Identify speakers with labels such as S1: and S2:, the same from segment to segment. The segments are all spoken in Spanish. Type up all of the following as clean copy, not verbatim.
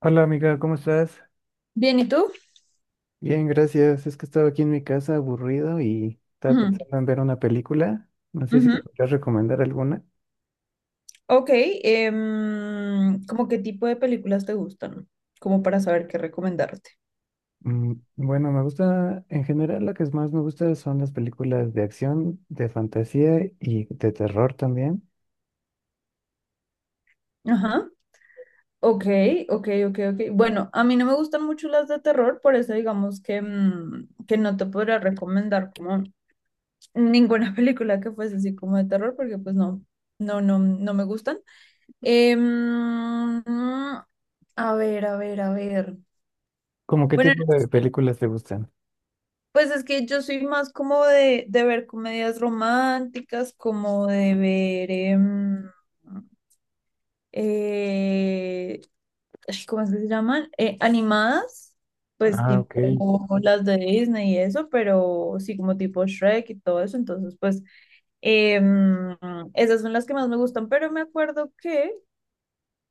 S1: Hola amiga, ¿cómo estás?
S2: Bien, ¿y tú?
S1: Bien, gracias. Es que estaba aquí en mi casa aburrido y estaba
S2: Ujú,
S1: pensando en ver una película. No sé si
S2: ujú.
S1: podrías recomendar alguna.
S2: Ok, ¿cómo qué tipo de películas te gustan? Como para saber qué recomendarte.
S1: Bueno, me gusta, en general, la que más me gusta son las películas de acción, de fantasía y de terror también.
S2: Ajá. Ok, ok, ok, ok. Bueno, a mí no me gustan mucho las de terror, por eso digamos que, que no te podría recomendar como ninguna película que fuese así como de terror, porque pues no, no, no, no me gustan. Em, a ver, a ver, a ver.
S1: ¿Cómo qué
S2: Bueno,
S1: tipo de películas te gustan?
S2: pues es que yo soy más como de ver comedias románticas, como de ver, eh, ay, ¿cómo es que se llaman? Animadas, pues
S1: Ah, ok.
S2: tipo las de Disney y eso, pero sí como tipo Shrek y todo eso. Entonces, pues em, esas son las que más me gustan, pero me acuerdo que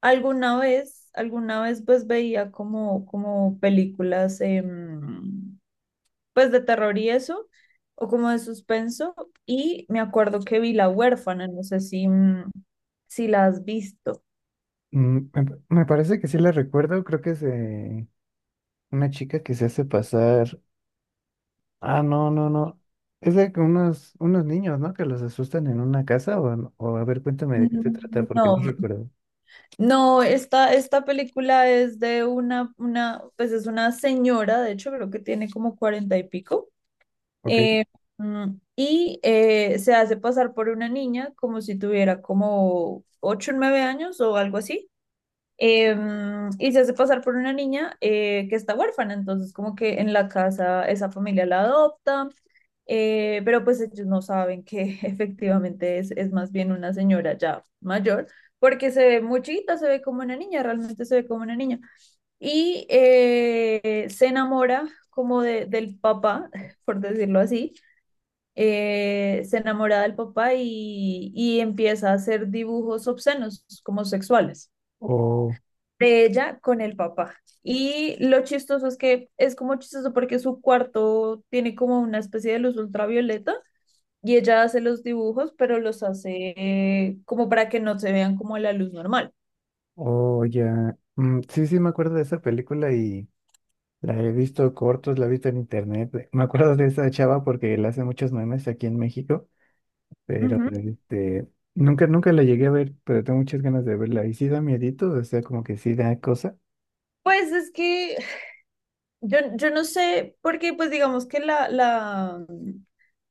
S2: alguna vez pues veía como películas pues de terror y eso, o como de suspenso. Y me acuerdo que vi La Huérfana, no sé si, si la has visto.
S1: Mm, me parece que sí la recuerdo. Creo que es de una chica que se hace pasar. Ah, no, no, no. Es de que unos niños, ¿no? Que los asustan en una casa o, no- o a ver, cuéntame de qué se trata porque no
S2: No,
S1: recuerdo.
S2: no, esta película es de pues es una señora, de hecho creo que tiene como cuarenta y pico,
S1: Ok.
S2: eh, mm, y se hace pasar por una niña como si tuviera como ocho o nueve años o algo así. Eh, y se hace pasar por una niña que está huérfana, entonces como que en la casa esa familia la adopta, pero pues ellos no saben que efectivamente es más bien una señora ya mayor, porque se ve muy chiquita, se ve como una niña, realmente se ve como una niña. Y se enamora como del papá, por decirlo así. Se enamora del papá y empieza a hacer dibujos obscenos, como sexuales,
S1: O,
S2: de ella con el papá. Y lo chistoso es que es como chistoso porque su cuarto tiene como una especie de luz ultravioleta y ella hace los dibujos, pero los hace como para que no se vean como la luz normal.
S1: o ya. Mm, sí, sí, me acuerdo de esa película y la he visto cortos, la he visto en internet. Me acuerdo de esa chava porque le hace muchos memes aquí en México, pero
S2: Ujú.
S1: este, nunca, nunca la llegué a ver, pero tengo muchas ganas de verla. Y sí da miedito, o sea, como que sí da cosa.
S2: Pues es que yo no sé, porque pues digamos que la, la,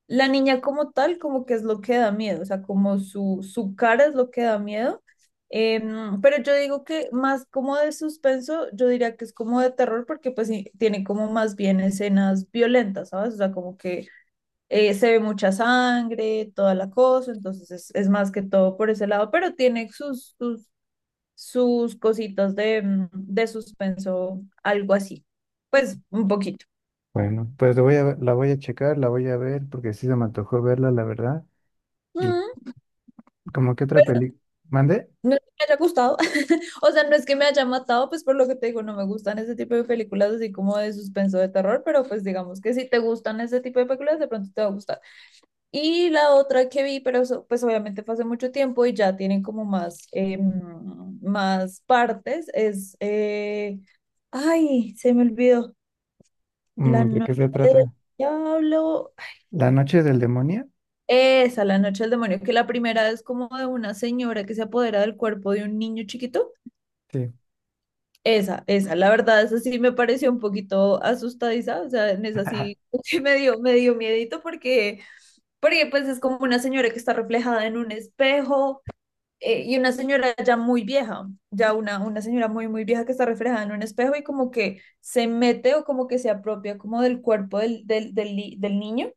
S2: La niña como tal, como que es lo que da miedo, o sea, como su cara es lo que da miedo. Pero yo digo que más como de suspenso, yo diría que es como de terror porque pues sí, tiene como más bien escenas violentas, ¿sabes? O sea, como que se ve mucha sangre, toda la cosa, entonces es más que todo por ese lado, pero tiene sus cositas de, de suspenso, algo así, pues un poquito.
S1: Bueno, pues la voy a checar, la voy a ver porque sí se me antojó verla, la verdad.
S2: Ujú.
S1: ¿Cómo que otra película? ¿Mande?
S2: No es que me haya gustado, o sea, no es que me haya matado, pues por lo que te digo, no me gustan ese tipo de películas así como de suspenso de terror, pero pues digamos que si te gustan ese tipo de películas, de pronto te va a gustar. Y la otra que vi, pero eso, pues obviamente fue hace mucho tiempo y ya tienen como más, más partes, ay, se me olvidó. La
S1: Mm, ¿de
S2: Noche
S1: qué se
S2: del
S1: trata?
S2: Diablo,
S1: ¿La noche del demonio?
S2: esa, La Noche del Demonio, que la primera es como de una señora que se apodera del cuerpo de un niño chiquito.
S1: Sí.
S2: La verdad, esa sí me pareció un poquito asustadiza, o sea, en esa sí, sí me dio miedito, porque pues es como una señora que está reflejada en un espejo, y una señora ya muy vieja, ya una señora muy, muy vieja que está reflejada en un espejo y como que se mete o como que se apropia como del cuerpo del del niño,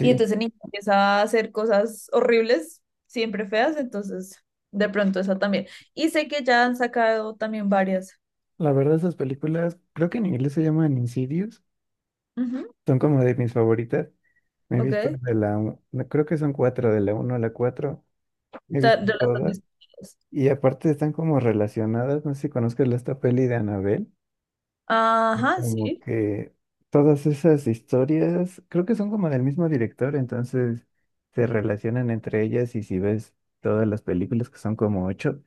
S2: y entonces el niño empieza a hacer cosas horribles, siempre feas. Entonces de pronto esa también. Y sé que ya han sacado también varias.
S1: La verdad, esas películas, creo que en inglés se llaman Insidious.
S2: Ujú,
S1: Son como de mis favoritas. Me he
S2: ok.
S1: visto de la, u- no, creo que son cuatro, de la uno a la cuatro. Me he
S2: De
S1: visto
S2: las dos
S1: todas.
S2: distintas.
S1: Y aparte están como relacionadas. No sé si conozcas la- esta peli de Annabelle. Que
S2: Ajá,
S1: como
S2: sí.
S1: que todas esas historias, creo que son como del mismo director, entonces se relacionan entre ellas. Y si ves todas las películas, que son como ocho,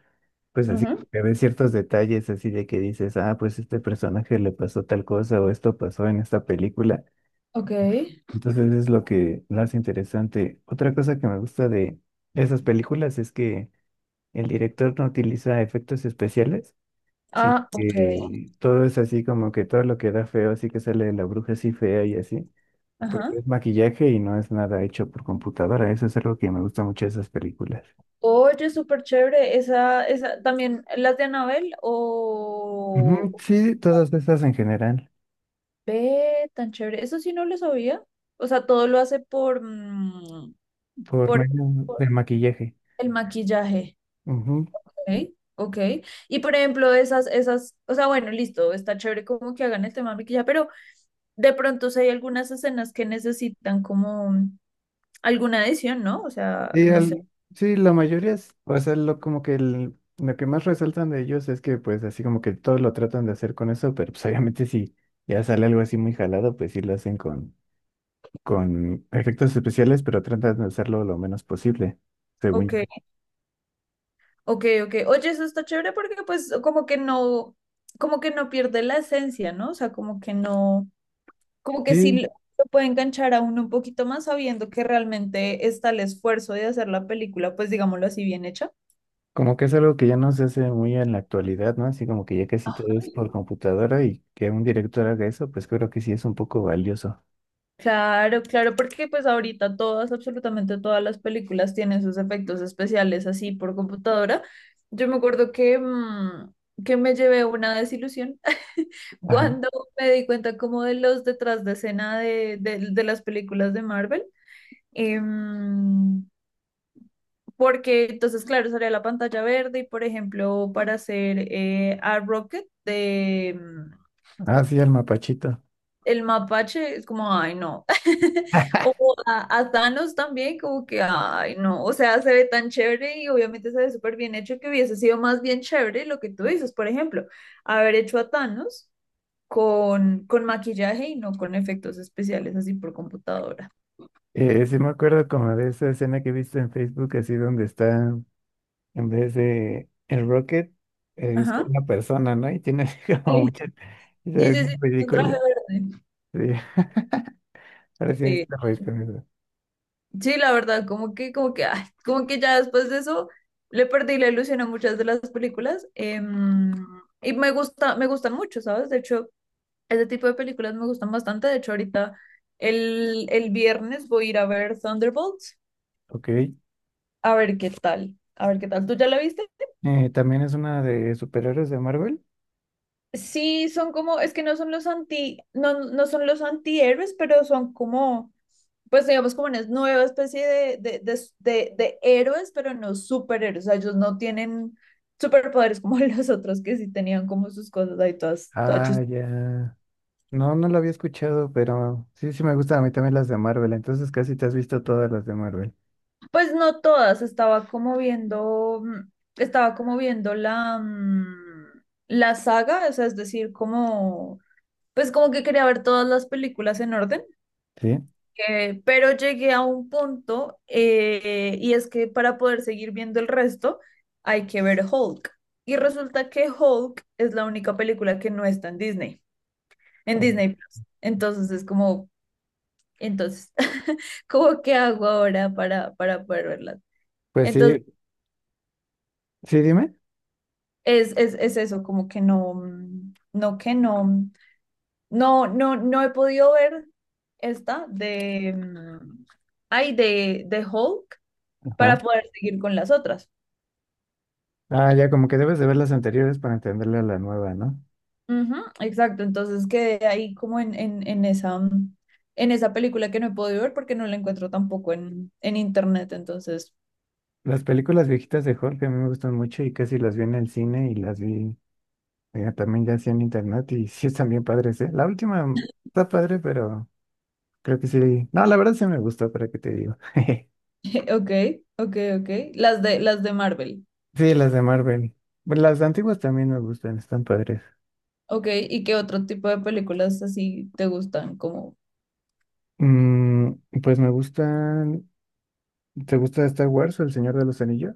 S1: pues así
S2: Ujú,
S1: como que ves ciertos detalles así de que dices, ah, pues este personaje le pasó tal cosa o esto pasó en esta película.
S2: ok.
S1: Entonces es lo que lo hace interesante. Otra cosa que me gusta de esas películas es que el director no utiliza efectos especiales, sino
S2: Ah, ok.
S1: que todo es así como que todo lo que da feo, así que sale de la bruja así fea y así, pues
S2: Ajá.
S1: es maquillaje y no es nada hecho por computadora. Eso es algo que me gusta mucho de esas películas.
S2: Oye, súper chévere. También las de Anabel
S1: Ujú,
S2: o
S1: sí, todas esas en general,
S2: ve tan chévere. Eso sí no lo sabía. O sea, todo lo hace por,
S1: por
S2: por,
S1: medio
S2: por
S1: del maquillaje.
S2: el maquillaje.
S1: Ujú.
S2: Ok. Ok. Y por ejemplo, o sea, bueno, listo, está chévere como que hagan el tema de maquillaje, pero de pronto si hay algunas escenas que necesitan como alguna adición, ¿no? O sea,
S1: Y
S2: no sé.
S1: al, sí, la mayoría es, o sea, lo, como que el- lo que más resaltan de ellos es que pues así como que todos lo tratan de hacer con eso, pero pues obviamente si ya sale algo así muy jalado, pues sí lo hacen con efectos especiales, pero tratan de hacerlo lo menos posible, según
S2: Ok,
S1: yo.
S2: ok, ok. Oye, eso está chévere porque pues como que no pierde la esencia, ¿no? O sea, como que no, como que sí
S1: Sí,
S2: lo puede enganchar a uno un poquito más sabiendo que realmente está el esfuerzo de hacer la película, pues digámoslo así, bien hecha.
S1: como que es algo que ya no se hace muy en la actualidad, ¿no? Así como que ya casi todo es por computadora y que un director haga eso, pues creo que sí es un poco valioso.
S2: Claro, claro, porque pues ahorita todas, absolutamente todas las películas tienen sus efectos especiales así por computadora. Yo me acuerdo que, que me llevé una desilusión
S1: Ajá.
S2: cuando me di cuenta como de los detrás de escena de las películas de Marvel. Em, Porque entonces, claro, salía la pantalla verde y, por ejemplo, para hacer a Rocket,
S1: Ah, sí, al mapachito.
S2: el mapache, es como, ay, no. O a Thanos también, como que, ay, no. O sea, se ve tan chévere y obviamente se ve súper bien hecho, que hubiese sido más bien chévere lo que tú dices, por ejemplo, haber hecho a Thanos con maquillaje y no con efectos especiales así por computadora.
S1: Sí me acuerdo como de esa escena que he visto en Facebook, así donde está, en vez de el Rocket, es
S2: Ajá.
S1: como una persona, ¿no? Y tiene así como
S2: Sí,
S1: muchas, y se
S2: sí,
S1: ve
S2: sí, sí,
S1: bien
S2: un traje
S1: ridícula.
S2: verde.
S1: Sí, ahora sí me
S2: Sí.
S1: hiciste reír con eso.
S2: Sí, la verdad, como que, ay, como que ya después de eso le perdí la ilusión a muchas de las películas. Y me gustan mucho, ¿sabes? De hecho, ese tipo de películas me gustan bastante. De hecho, ahorita el viernes voy a ir a ver Thunderbolts.
S1: Ok.
S2: A ver qué tal. A ver qué tal. ¿Tú ya la viste?
S1: ¿También es una de superhéroes de Marvel?
S2: Sí, son como, es que no son los no, no son los antihéroes, pero son como, pues digamos, como una nueva especie de héroes, pero no superhéroes. O sea, ellos no tienen superpoderes como los otros, que sí tenían como sus cosas ahí todas, todas
S1: Ah, ya. No, no la había escuchado, pero sí, sí me gustan a mí también las de Marvel, entonces casi te has visto todas las de Marvel,
S2: Pues no todas, estaba como viendo, estaba como viendo la, la saga, o sea, es decir, como, pues como que quería ver todas las películas en orden.
S1: ¿sí?
S2: Pero llegué a un punto, y es que para poder seguir viendo el resto hay que ver Hulk. Y resulta que Hulk es la única película que no está en
S1: Oh.
S2: Disney Plus. Entonces es como, entonces, ¿cómo qué hago ahora para poder verla?
S1: Pues
S2: Entonces
S1: sí, sí, dime.
S2: es eso, como que no, no, que no, no, no, no he podido ver esta de, ay, de Hulk para
S1: Ajá.
S2: poder seguir con las otras.
S1: Ah, ya, como que debes de ver las anteriores para entenderle a la nueva, ¿no?
S2: Ujú, exacto, entonces quedé ahí como en esa, en esa película que no he podido ver porque no la encuentro tampoco en internet, entonces,
S1: Las películas viejitas de Jorge a mí me gustan mucho y casi las vi en el cine y las vi también ya sí en internet y sí están bien padres, ¿eh? La última está padre, pero creo que sí. No, la verdad sí me gustó, para qué te digo.
S2: ok, ok, ok, las de Marvel,
S1: Sí, las de Marvel. Bueno, las antiguas también me gustan, están padres.
S2: ok. ¿Y qué otro tipo de películas así te gustan? Como
S1: Mm, pues me gustan. ¿Te gusta Star Wars o El Señor de los Anillos?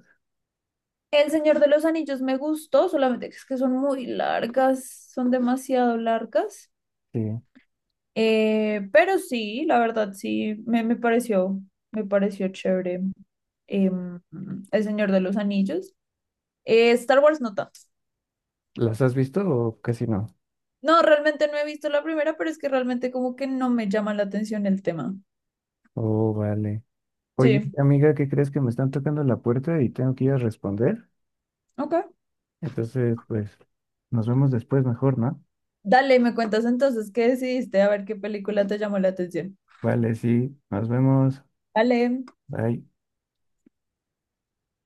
S2: El Señor de los Anillos. Me gustó, solamente que es que son muy largas, son demasiado largas,
S1: Sí.
S2: pero sí, la verdad sí, me pareció chévere, em, El Señor de los Anillos. Star Wars no tanto.
S1: ¿Las has visto o casi no?
S2: No, realmente no he visto la primera, pero es que realmente como que no me llama la atención el tema.
S1: Oh, vale. Oye,
S2: Sí,
S1: amiga, ¿qué crees que me están tocando la puerta y tengo que ir a responder?
S2: ok.
S1: Entonces, pues, nos vemos después mejor, ¿no?
S2: Dale, me cuentas entonces qué decidiste, a ver qué película te llamó la atención.
S1: Vale, sí, nos vemos.
S2: Dale.
S1: Bye.